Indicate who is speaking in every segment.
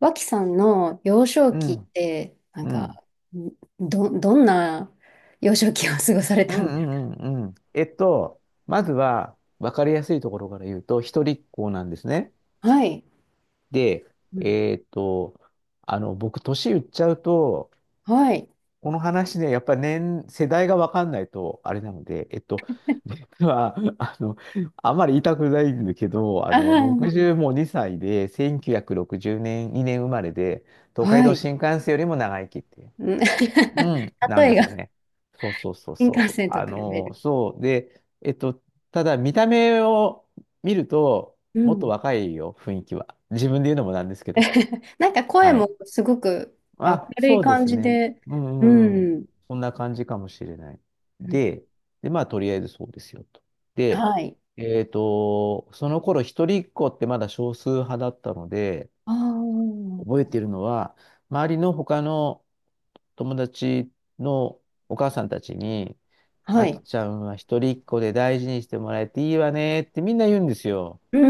Speaker 1: 脇さんの幼少
Speaker 2: う
Speaker 1: 期っ
Speaker 2: ん、
Speaker 1: て、なん
Speaker 2: うん、
Speaker 1: か、んどんな幼少期を過ごされ
Speaker 2: う
Speaker 1: た
Speaker 2: ん、
Speaker 1: んで
Speaker 2: う
Speaker 1: す
Speaker 2: ん、うんうん。まずは、わかりやすいところから言うと、一人っ子なんですね。
Speaker 1: か？はい。
Speaker 2: で、
Speaker 1: うん。
Speaker 2: えっと、僕、年言っちゃうと、
Speaker 1: はい。
Speaker 2: この話ね、やっぱり世代がわかんないと、あれなので、実は、あんまり言いたくないんだけど、
Speaker 1: ああ、うん
Speaker 2: 60も2歳で、1960年、2年生まれで、東海
Speaker 1: は
Speaker 2: 道
Speaker 1: い
Speaker 2: 新
Speaker 1: あ
Speaker 2: 幹線よりも長生きっていう。
Speaker 1: うんはいうん。
Speaker 2: う
Speaker 1: 例
Speaker 2: ん、なん
Speaker 1: え
Speaker 2: ですよ
Speaker 1: が、
Speaker 2: ね。そうそうそう
Speaker 1: 新幹
Speaker 2: そう。
Speaker 1: 線と
Speaker 2: あ
Speaker 1: 比べ
Speaker 2: の
Speaker 1: る。
Speaker 2: そう。で、ただ見た目を見ると、
Speaker 1: う
Speaker 2: もっと
Speaker 1: ん。
Speaker 2: 若いよ、雰囲気は。自分で言うのもなんですけど。
Speaker 1: なんか声
Speaker 2: は
Speaker 1: も
Speaker 2: い。
Speaker 1: すごく明
Speaker 2: あ、
Speaker 1: るい
Speaker 2: そうで
Speaker 1: 感
Speaker 2: す
Speaker 1: じ
Speaker 2: ね。
Speaker 1: で、
Speaker 2: うんう
Speaker 1: う
Speaker 2: んうん。
Speaker 1: ん。
Speaker 2: そんな感じかもしれない。
Speaker 1: うん
Speaker 2: で、で、まあ、とりあえずそうですよと。で、
Speaker 1: はい。
Speaker 2: その頃、一人っ子ってまだ少数派だったので、
Speaker 1: あ
Speaker 2: 覚
Speaker 1: あ、
Speaker 2: えてるのは、周りの他の友達のお母さんたちに、
Speaker 1: は
Speaker 2: あき
Speaker 1: い。
Speaker 2: ちゃんは一人っ子で大事にしてもらえていいわねってみんな言うんですよ。
Speaker 1: う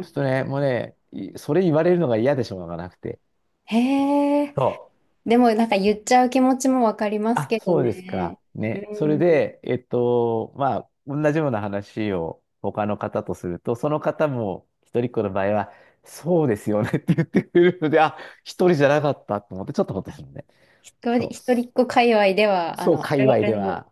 Speaker 2: ちょ
Speaker 1: ん。
Speaker 2: っとね、もうね、いそれ言われるのが嫌でしょうがなくて。
Speaker 1: へえ。
Speaker 2: そう。
Speaker 1: でもなんか言っちゃう気持ちもわかります
Speaker 2: あ、
Speaker 1: けど
Speaker 2: そうです
Speaker 1: ね。
Speaker 2: か。
Speaker 1: う
Speaker 2: ね。それ
Speaker 1: ん。
Speaker 2: で、まあ、同じような話を他の方とすると、その方も一人っ子の場合は、そうですよねって言ってくれるので、あ、一人じゃなかったと思って、ちょっとほっとするね。
Speaker 1: 一
Speaker 2: そ
Speaker 1: 人、
Speaker 2: う。
Speaker 1: 一人っ子界隈では、
Speaker 2: そう、
Speaker 1: あ
Speaker 2: 界
Speaker 1: る
Speaker 2: 隈
Speaker 1: あ
Speaker 2: で
Speaker 1: るの、
Speaker 2: は。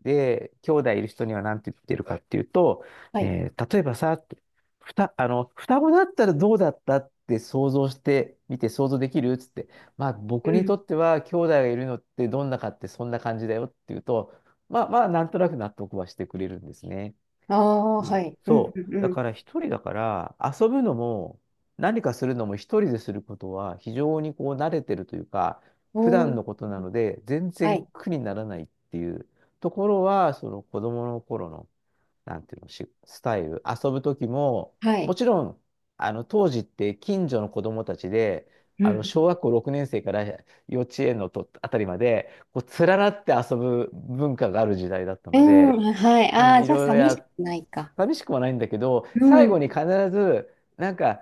Speaker 2: で、兄弟いる人には何て言ってるかっていうと、
Speaker 1: はい。
Speaker 2: 例えばさ、ってふた、あの、双子だったらどうだったって想像してみて想像できるっつって、まあ
Speaker 1: う
Speaker 2: 僕に
Speaker 1: ん、
Speaker 2: とっては兄弟がいるのってどんなかってそんな感じだよっていうと、まあまあなんとなく納得はしてくれるんですね。
Speaker 1: ああ、は
Speaker 2: で
Speaker 1: い。うん、
Speaker 2: そ
Speaker 1: う
Speaker 2: う。
Speaker 1: ん、う
Speaker 2: だ
Speaker 1: ん。
Speaker 2: から一人だから遊ぶのも何かするのも一人ですることは非常にこう慣れてるというか普
Speaker 1: お
Speaker 2: 段の
Speaker 1: ー、
Speaker 2: ことなので全
Speaker 1: は
Speaker 2: 然
Speaker 1: い、
Speaker 2: 苦にならないっていうところはその子供の頃のなんていうのしスタイル遊ぶ時も
Speaker 1: は
Speaker 2: も
Speaker 1: い。
Speaker 2: ちろん当時って近所の子供たちで
Speaker 1: う
Speaker 2: 小
Speaker 1: ん。
Speaker 2: 学校6年生から幼稚園のあたりまでこう連なって遊ぶ文化がある時代だった
Speaker 1: う
Speaker 2: の
Speaker 1: ん、
Speaker 2: で。
Speaker 1: うんはい。
Speaker 2: う
Speaker 1: あ
Speaker 2: ん、
Speaker 1: あ、
Speaker 2: い
Speaker 1: じゃあ、
Speaker 2: ろいろ
Speaker 1: 寂し
Speaker 2: や、
Speaker 1: くないか？
Speaker 2: 寂しくはないんだけど、
Speaker 1: う
Speaker 2: 最
Speaker 1: ん。
Speaker 2: 後に必ず、なんか、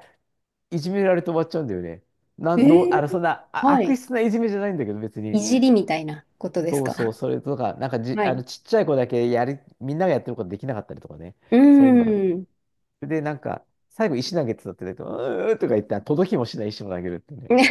Speaker 2: いじめられて終わっちゃうんだよね。な
Speaker 1: え
Speaker 2: ん、どう、
Speaker 1: ー、
Speaker 2: あの、そんな、あ、
Speaker 1: は
Speaker 2: 悪
Speaker 1: い。
Speaker 2: 質ないじめじゃないんだけど、別
Speaker 1: い
Speaker 2: に。
Speaker 1: じりみたいなことです
Speaker 2: そうそ
Speaker 1: か？
Speaker 2: う、それとか、なんかじ、
Speaker 1: は
Speaker 2: あ
Speaker 1: い。
Speaker 2: の、ちっちゃい子だけやり、みんながやってることできなかったりとかね。
Speaker 1: う
Speaker 2: そういうのがあっ
Speaker 1: ん。
Speaker 2: て。で、なんか、最後、石投げてたって言うと、うーとか言って、届きもしない石も投げるって ね。
Speaker 1: かわ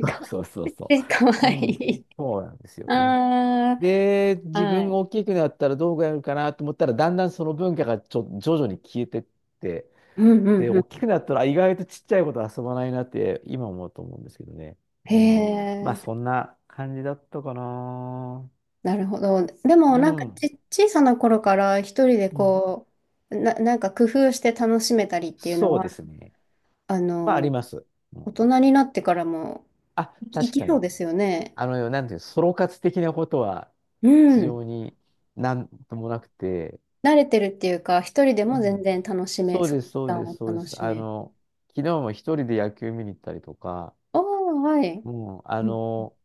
Speaker 2: そうそうそうそ
Speaker 1: いい、かわ
Speaker 2: う。う
Speaker 1: い
Speaker 2: ん。
Speaker 1: い。
Speaker 2: そうなんですよね。
Speaker 1: あ
Speaker 2: で、
Speaker 1: あ、
Speaker 2: 自
Speaker 1: は
Speaker 2: 分
Speaker 1: い。
Speaker 2: が大きくなったらどうやるかなと思ったら、だんだんその文化が徐々に消えてって、
Speaker 1: うん、う
Speaker 2: で、
Speaker 1: ん、う
Speaker 2: 大き
Speaker 1: ん。
Speaker 2: くなったら意外とちっちゃいこと遊ばないなって今思うと思うんですけどね。
Speaker 1: へ
Speaker 2: うん。まあ、
Speaker 1: え。
Speaker 2: そんな感じだったかな。
Speaker 1: なるほど。でも、
Speaker 2: う
Speaker 1: なんか
Speaker 2: ん。
Speaker 1: 小さな頃から一人で
Speaker 2: うん。
Speaker 1: こう、なんか工夫して楽しめたりっていうの
Speaker 2: そう
Speaker 1: は、
Speaker 2: ですね。
Speaker 1: あ
Speaker 2: まあ、あり
Speaker 1: の、
Speaker 2: ます。う
Speaker 1: 大
Speaker 2: ん。
Speaker 1: 人になってからも、
Speaker 2: あ、
Speaker 1: いき、い
Speaker 2: 確
Speaker 1: き
Speaker 2: か
Speaker 1: そう
Speaker 2: に。
Speaker 1: ですよね。
Speaker 2: あの、なんていうの、ソロ活的なことは
Speaker 1: う
Speaker 2: 非
Speaker 1: ん。
Speaker 2: 常になんともなくて、
Speaker 1: 慣れてるっていうか、一人で
Speaker 2: う
Speaker 1: も全
Speaker 2: ん
Speaker 1: 然楽しめ、
Speaker 2: そう
Speaker 1: その
Speaker 2: で
Speaker 1: 時
Speaker 2: す、そう
Speaker 1: 間
Speaker 2: です、
Speaker 1: を
Speaker 2: そうで
Speaker 1: 楽
Speaker 2: す。
Speaker 1: しめる。
Speaker 2: 昨日も一人で野球見に行ったりとか、
Speaker 1: おー、はい。
Speaker 2: うん、
Speaker 1: うん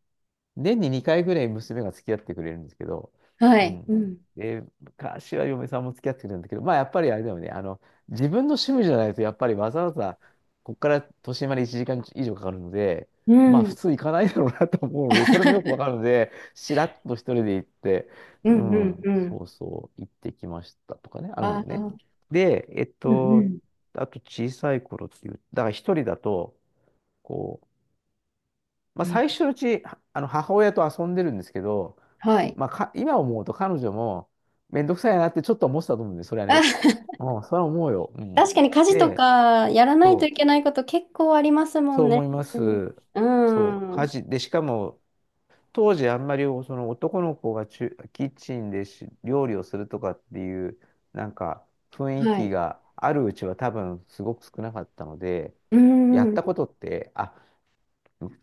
Speaker 2: 年に2回ぐらい娘が付き合ってくれるんですけど、
Speaker 1: は
Speaker 2: う
Speaker 1: い。う
Speaker 2: ん。
Speaker 1: ん。
Speaker 2: で、昔は嫁さんも付き合ってくれるんだけど、まあやっぱりあれだよね、自分の趣味じゃないと、やっぱりわざわざ、ここから都心まで1時間以上かかるので、
Speaker 1: うん。うん
Speaker 2: ま
Speaker 1: う
Speaker 2: あ
Speaker 1: んう
Speaker 2: 普
Speaker 1: ん。
Speaker 2: 通行かないだろうなと思うので、それもよくわかるので、しらっと一人で行って、うん、そうそう、行ってきましたとかね、あるんだ
Speaker 1: あ
Speaker 2: よね。
Speaker 1: あ。
Speaker 2: で、
Speaker 1: うんうん。
Speaker 2: あと小さい頃っていう、だから一人だと、こう、まあ、
Speaker 1: うん
Speaker 2: 最初のうち、はあの、母親と遊んでるんですけど、
Speaker 1: はい。
Speaker 2: 今思うと彼女も、めんどくさいなってちょっと思ってたと思うんで、それは
Speaker 1: あ。
Speaker 2: ね。うん、それは思うよ。うん。
Speaker 1: 確かに家事と
Speaker 2: で、
Speaker 1: かやらない
Speaker 2: そ
Speaker 1: とい
Speaker 2: う、
Speaker 1: けないこと結構ありますも
Speaker 2: そう
Speaker 1: んね。
Speaker 2: 思います。
Speaker 1: う
Speaker 2: そう、家
Speaker 1: ん。
Speaker 2: 事。で、しかも、当時あんまりその男の子がキッチンで料理をするとかっていう、なんか、雰囲
Speaker 1: は
Speaker 2: 気
Speaker 1: い。
Speaker 2: があるうちは多分すごく少なかったので、
Speaker 1: う
Speaker 2: やっ
Speaker 1: ん。
Speaker 2: たことって、あ、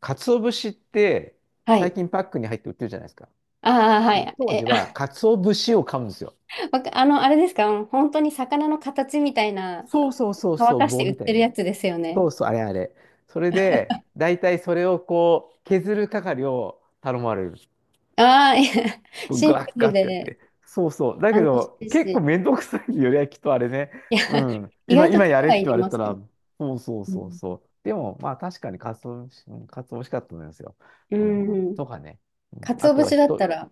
Speaker 2: 鰹節って
Speaker 1: は
Speaker 2: 最
Speaker 1: い。
Speaker 2: 近パックに入って売ってるじゃないですか。
Speaker 1: ああ、は
Speaker 2: でも
Speaker 1: い。
Speaker 2: 当
Speaker 1: え、
Speaker 2: 時は、
Speaker 1: あ、
Speaker 2: 鰹節を買うんですよ。
Speaker 1: わかあの、あれですか？本当に魚の形みたいな、
Speaker 2: そうそうそう
Speaker 1: 乾
Speaker 2: そう、
Speaker 1: かして
Speaker 2: 棒
Speaker 1: 売っ
Speaker 2: みた
Speaker 1: て
Speaker 2: い
Speaker 1: る
Speaker 2: なや
Speaker 1: や
Speaker 2: つ。
Speaker 1: つですよね。
Speaker 2: そうそう、あれあれ。それで、大体それをこう、削る係を頼まれる。
Speaker 1: ああ、いや。 シンプ
Speaker 2: ガッ
Speaker 1: ル
Speaker 2: ガッってやっ
Speaker 1: で
Speaker 2: て。そうそう。だけ
Speaker 1: 楽し
Speaker 2: ど、
Speaker 1: い
Speaker 2: 結構
Speaker 1: し。
Speaker 2: めんどくさいよね、きっとあれね。
Speaker 1: いや、
Speaker 2: うん。
Speaker 1: 意外と
Speaker 2: 今やれっ
Speaker 1: 力
Speaker 2: て
Speaker 1: い
Speaker 2: 言
Speaker 1: り
Speaker 2: われ
Speaker 1: ま
Speaker 2: た
Speaker 1: す
Speaker 2: ら、
Speaker 1: よ。
Speaker 2: そうそう
Speaker 1: う
Speaker 2: そう
Speaker 1: ん。
Speaker 2: そう。でも、まあ確かに鰹節、うん鰹美味しかったと思いますよ。
Speaker 1: う
Speaker 2: うん。
Speaker 1: ん。
Speaker 2: とかね。うん、あ
Speaker 1: 鰹
Speaker 2: とは
Speaker 1: 節だった
Speaker 2: 人、
Speaker 1: ら、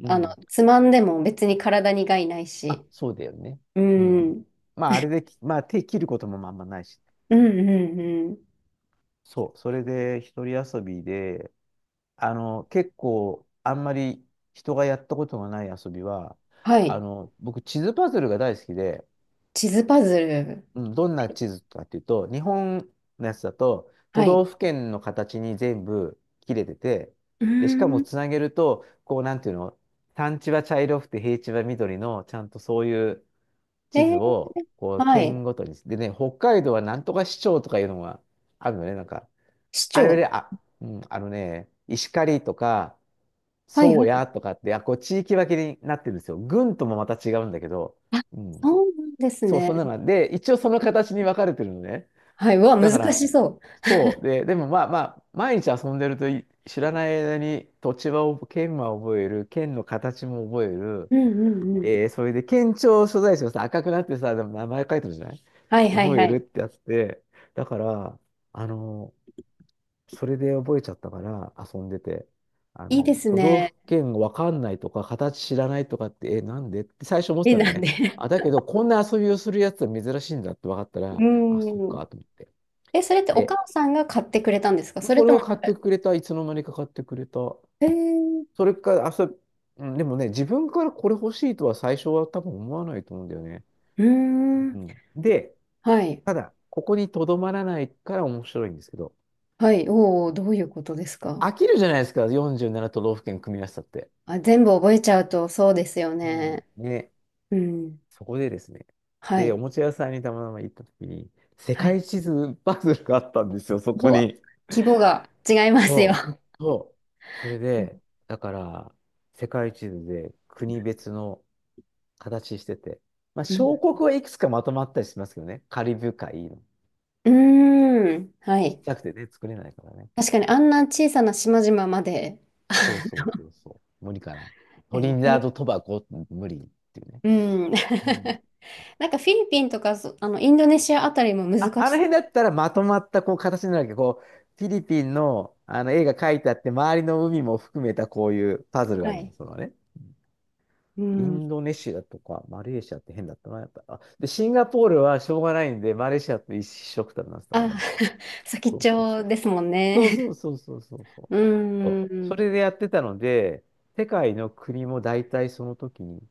Speaker 2: うん。
Speaker 1: つまんでも別に体に害ない
Speaker 2: あ、
Speaker 1: し。
Speaker 2: そうだよね。
Speaker 1: う
Speaker 2: うん。
Speaker 1: ん。
Speaker 2: まああれで、まあ手切ることもまああんまないしね。
Speaker 1: うんうんうん。
Speaker 2: そう、それで一人遊びで、結構あんまり人がやったことがない遊びは、
Speaker 1: はい。
Speaker 2: 僕地図パズルが大好きで、
Speaker 1: 地図パズル。
Speaker 2: うん、どんな地図かっていうと、日本のやつだと都
Speaker 1: は
Speaker 2: 道
Speaker 1: い。
Speaker 2: 府県の形に全部切れてて、
Speaker 1: うー
Speaker 2: で、しかも
Speaker 1: ん。
Speaker 2: つなげると、こうなんていうの、山地は茶色くて平地は緑の、ちゃんとそういう
Speaker 1: え
Speaker 2: 地図
Speaker 1: ー、
Speaker 2: を、こう
Speaker 1: は
Speaker 2: 県
Speaker 1: い。
Speaker 2: ごとに、でね、北海道はなんとか市町とかいうのがあるのね、なんか。
Speaker 1: 市
Speaker 2: あれ
Speaker 1: 長。
Speaker 2: で、あ、うん、あのね、石狩とか、
Speaker 1: はいは
Speaker 2: 宗
Speaker 1: い。
Speaker 2: 谷とかって、あ、こう地域分けになってるんですよ。郡ともまた違うんだけど、
Speaker 1: あ、
Speaker 2: うん。
Speaker 1: そうなんです
Speaker 2: そう、
Speaker 1: ね。
Speaker 2: そんなのがで、一応その形に分かれてるのね。
Speaker 1: はい。うわ、
Speaker 2: だ
Speaker 1: 難
Speaker 2: から、
Speaker 1: しそ
Speaker 2: そう。で、でもまあまあ、毎日遊んでると知らない間に土地は覚え、県は覚える、県の形も覚える。
Speaker 1: う。うんうんうん。
Speaker 2: それで県庁所在地がさ、赤くなってさ、でも名前書いてるじゃない
Speaker 1: はいはい
Speaker 2: 覚
Speaker 1: は
Speaker 2: えるっ
Speaker 1: い。
Speaker 2: てやつで、だから、あの、それで覚えちゃったから遊んでて、
Speaker 1: いいです
Speaker 2: 都道
Speaker 1: ね。
Speaker 2: 府県わかんないとか、形知らないとかって、え、なんでって最初思っ
Speaker 1: い
Speaker 2: て
Speaker 1: い
Speaker 2: たの
Speaker 1: なんで。
Speaker 2: ね。あ、だけど、こんな遊びをするやつは珍しいんだって分かった
Speaker 1: う
Speaker 2: ら、あ、そっ
Speaker 1: ーん。
Speaker 2: か、と思って。
Speaker 1: え、それってお
Speaker 2: で、
Speaker 1: 母さんが買ってくれたんですか？それ
Speaker 2: それ
Speaker 1: とも
Speaker 2: を買
Speaker 1: なん
Speaker 2: っ
Speaker 1: か、
Speaker 2: てくれた、いつの間にか買ってくれた。
Speaker 1: えー、
Speaker 2: それから、遊び、うんでもね、自分からこれ欲しいとは最初は多分思わないと思うんだよね。
Speaker 1: うーん。
Speaker 2: うん、で、
Speaker 1: はい。
Speaker 2: ただ、ここにとどまらないから面白いんですけど、
Speaker 1: はい。おお、どういうことですか？
Speaker 2: 飽きるじゃないですか、47都道府県組み合わせたって。
Speaker 1: あ、全部覚えちゃうとそうですよ
Speaker 2: うん
Speaker 1: ね。
Speaker 2: ね。
Speaker 1: うん。
Speaker 2: そこでですね、
Speaker 1: は
Speaker 2: で、お
Speaker 1: い。
Speaker 2: もちゃ屋さんにたまたま行った時に、世
Speaker 1: はい。
Speaker 2: 界地図パズルがあったんですよ、そ
Speaker 1: う
Speaker 2: こ
Speaker 1: わ、
Speaker 2: に。
Speaker 1: 規模が違いますよ。
Speaker 2: そう、そう。それで、だから、世界地図で国別の形してて、まあ、
Speaker 1: う
Speaker 2: 小
Speaker 1: ん
Speaker 2: 国はいくつかまとまったりしますけどね、カリブ海の。
Speaker 1: うーん。は
Speaker 2: ちっ
Speaker 1: い。
Speaker 2: ちゃくてね、作れないからね。
Speaker 1: 確かにあんな小さな島々まで、
Speaker 2: そうそうそうそう。無理かな。
Speaker 1: う
Speaker 2: トリ
Speaker 1: ん。
Speaker 2: ニダード・トバゴ、無理っていうね。
Speaker 1: うん。
Speaker 2: うん、
Speaker 1: なんかフィリピンとかそあのインドネシアあたりも難
Speaker 2: あ、あの
Speaker 1: し
Speaker 2: 辺だ
Speaker 1: そ
Speaker 2: ったらまとまったこう形になるわけど、こう、フィリピンの、あの絵が描いてあって、周りの海も含めたこういうパズル
Speaker 1: う。
Speaker 2: があ
Speaker 1: は
Speaker 2: るの、
Speaker 1: い。
Speaker 2: そのね。
Speaker 1: う
Speaker 2: イ
Speaker 1: ん。
Speaker 2: ンドネシアとかマレーシアって変だったな、やっぱ。あ、で、シンガポールはしょうがないんで、マレーシアと一緒くたになってたか
Speaker 1: あ、
Speaker 2: な。
Speaker 1: 先っ
Speaker 2: そう
Speaker 1: ち
Speaker 2: そうそう。
Speaker 1: ょですもん
Speaker 2: そう
Speaker 1: ね。
Speaker 2: そうそうそうそうそ う。
Speaker 1: う
Speaker 2: そう、
Speaker 1: ー
Speaker 2: そ
Speaker 1: ん。
Speaker 2: れでやってたので、世界の国も大体その時に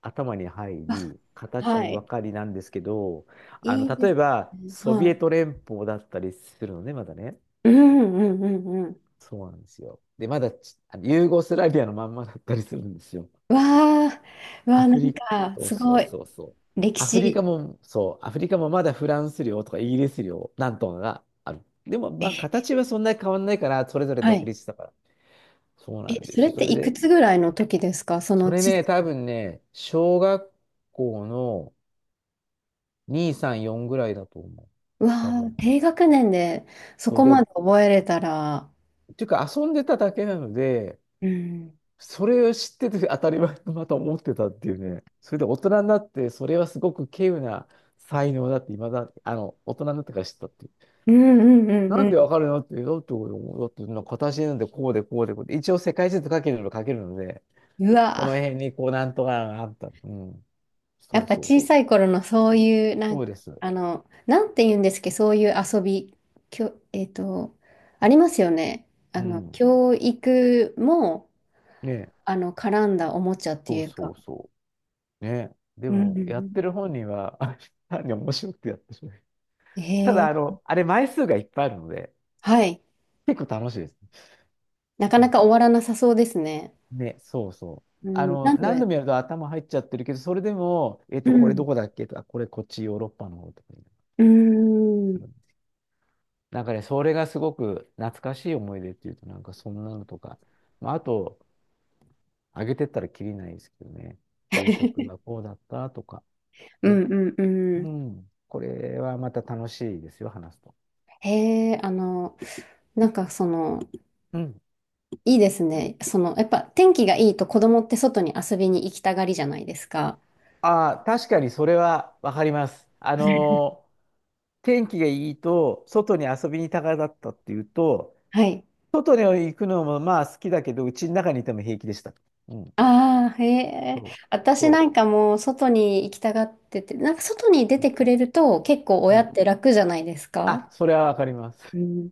Speaker 2: 頭に入
Speaker 1: あ、
Speaker 2: り、形
Speaker 1: は
Speaker 2: もわ
Speaker 1: い。
Speaker 2: かりなんですけど、
Speaker 1: いいで
Speaker 2: 例
Speaker 1: す
Speaker 2: えば、
Speaker 1: ね。
Speaker 2: ソビ
Speaker 1: は
Speaker 2: エ
Speaker 1: い。
Speaker 2: ト連邦だったりするのね、まだね。
Speaker 1: うんうんうんうん。
Speaker 2: そうなんですよ。で、まだち、ユーゴスラビアのまんまだったりするんですよ。
Speaker 1: わあ、うわ
Speaker 2: ア
Speaker 1: あ、な
Speaker 2: フ
Speaker 1: ん
Speaker 2: リ、
Speaker 1: か
Speaker 2: そう
Speaker 1: す
Speaker 2: そ
Speaker 1: ご
Speaker 2: う
Speaker 1: い
Speaker 2: そうそう。
Speaker 1: 歴
Speaker 2: アフリ
Speaker 1: 史。
Speaker 2: カも、そう、アフリカもまだフランス領とかイギリス領、なんとかがある。でも、まあ、形はそんなに変わんないから、それぞれ
Speaker 1: は
Speaker 2: 独
Speaker 1: い。
Speaker 2: 立したから。そう
Speaker 1: え、
Speaker 2: なんで
Speaker 1: そ
Speaker 2: す
Speaker 1: れ
Speaker 2: よ。
Speaker 1: っ
Speaker 2: そ
Speaker 1: て
Speaker 2: れ
Speaker 1: いく
Speaker 2: で、
Speaker 1: つぐらいの時ですか？そ
Speaker 2: そ
Speaker 1: の
Speaker 2: れ
Speaker 1: 地図。
Speaker 2: ね、多分ね、小学校の、234ぐらいだと思う。
Speaker 1: うわ
Speaker 2: 多
Speaker 1: あ、
Speaker 2: 分。
Speaker 1: 低学年でそ
Speaker 2: そう
Speaker 1: こ
Speaker 2: で、っ
Speaker 1: まで覚えれたら、
Speaker 2: ていうか遊んでただけなので、
Speaker 1: うん、
Speaker 2: それを知ってて 当たり前とまた思ってたっていうね。それで大人になって、それはすごく稀有な才能だって、未だ、大人になってから知ったっていう。
Speaker 1: うんうんうん
Speaker 2: な
Speaker 1: う
Speaker 2: んでわ
Speaker 1: ん。
Speaker 2: かるのって、だって俺も、だってなんか形なんでこうでこうでこうで、一応世界地図書けるの書けるので、
Speaker 1: う
Speaker 2: こ
Speaker 1: わ
Speaker 2: の
Speaker 1: ー。
Speaker 2: 辺にこうなんとかがあった。うん。
Speaker 1: や
Speaker 2: そ
Speaker 1: っ
Speaker 2: う
Speaker 1: ぱ
Speaker 2: そう
Speaker 1: 小
Speaker 2: そう。
Speaker 1: さい頃のそういう、
Speaker 2: そうです。
Speaker 1: なんて言うんですけど、そういう遊び、きょ、えっと、ありますよね。
Speaker 2: うん。
Speaker 1: 教育も、
Speaker 2: ね。
Speaker 1: 絡んだおもちゃって
Speaker 2: そう
Speaker 1: いう
Speaker 2: そ
Speaker 1: か。
Speaker 2: うそう。ね。で
Speaker 1: うんうん
Speaker 2: も、やっ
Speaker 1: う
Speaker 2: てる本人は、あ、単に面白くてやってしまう。
Speaker 1: ん。
Speaker 2: た
Speaker 1: へ
Speaker 2: だ、
Speaker 1: え、
Speaker 2: あれ枚数がいっぱいあるので、
Speaker 1: はい。
Speaker 2: 結構楽しいです。
Speaker 1: なか
Speaker 2: う
Speaker 1: な
Speaker 2: ん、
Speaker 1: か終わらなさそうですね。
Speaker 2: ね、そうそう。
Speaker 1: う
Speaker 2: あ
Speaker 1: ん、
Speaker 2: の、
Speaker 1: 何度
Speaker 2: 何
Speaker 1: や、
Speaker 2: 度もやると頭入っちゃってるけど、それでも、
Speaker 1: う
Speaker 2: これ
Speaker 1: ん、
Speaker 2: どこだっけとか、これこっちヨーロッパの方とかに
Speaker 1: う
Speaker 2: す
Speaker 1: ん、
Speaker 2: るんです。なんかね、それがすごく懐かしい思い出っていうと、なんかそんなのとか、まあ、あと、あげてったらきりないですけどね、給食がこうだったとか、
Speaker 1: う
Speaker 2: ね、
Speaker 1: んうんう
Speaker 2: う
Speaker 1: ん。
Speaker 2: ん、これはまた楽しいですよ、話すと。
Speaker 1: へえ、なんかその、
Speaker 2: うん。
Speaker 1: いいですね。その、やっぱ天気がいいと子供って外に遊びに行きたがりじゃないですか。
Speaker 2: ああ、確かにそれはわかります。天気がいいと、外に遊びに行きたがだったっていうと、
Speaker 1: はい。
Speaker 2: 外に行くのもまあ好きだけど、うちの中にいても平気でした。うん。
Speaker 1: ああ、へえ。
Speaker 2: そう。
Speaker 1: 私な
Speaker 2: そ
Speaker 1: んかもう外に行きたがってて、なんか外に出
Speaker 2: う。うん。
Speaker 1: てくれると結構
Speaker 2: う
Speaker 1: 親
Speaker 2: ん、
Speaker 1: って楽じゃないですか。
Speaker 2: あ、それはわかりま
Speaker 1: う
Speaker 2: す。
Speaker 1: ん、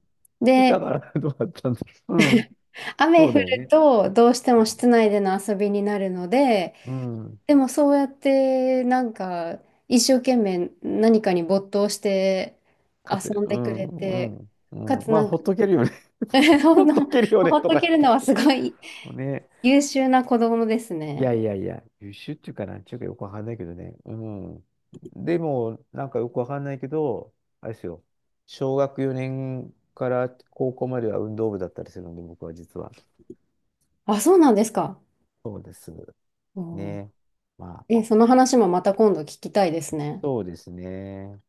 Speaker 2: だか
Speaker 1: で、
Speaker 2: ら、どうだったんだろう。うん。そ
Speaker 1: 雨
Speaker 2: う
Speaker 1: 降
Speaker 2: だよ
Speaker 1: る
Speaker 2: ね。
Speaker 1: とどうしても室内での遊びになるので、
Speaker 2: うん。うん、
Speaker 1: でもそうやってなんか一生懸命何かに没頭して
Speaker 2: かて、
Speaker 1: 遊ん
Speaker 2: う
Speaker 1: でく
Speaker 2: ん、
Speaker 1: れ
Speaker 2: う
Speaker 1: て、
Speaker 2: ん、
Speaker 1: か
Speaker 2: うん。
Speaker 1: つ
Speaker 2: まあ、
Speaker 1: なん
Speaker 2: ほ
Speaker 1: か。
Speaker 2: っとけるよね。
Speaker 1: そ
Speaker 2: ほ
Speaker 1: ん
Speaker 2: っ
Speaker 1: な、
Speaker 2: とけるよ
Speaker 1: パ
Speaker 2: ね、
Speaker 1: パッ
Speaker 2: と
Speaker 1: と
Speaker 2: か
Speaker 1: 切
Speaker 2: 言っ
Speaker 1: るの
Speaker 2: て。
Speaker 1: はすごい
Speaker 2: ね。
Speaker 1: 優秀な子供です
Speaker 2: い
Speaker 1: ね。
Speaker 2: やいやいや、優秀っていうかなんちゅうかよくわかんないけどね。うん。でも、なんかよくわかんないけど、あれですよ。小学4年から高校までは運動部だったりするので、僕は実は。
Speaker 1: あ、そうなんですか。
Speaker 2: そうです。
Speaker 1: おー。
Speaker 2: ね。まあ、
Speaker 1: え、その話もまた今度聞きたいですね。
Speaker 2: そうですね。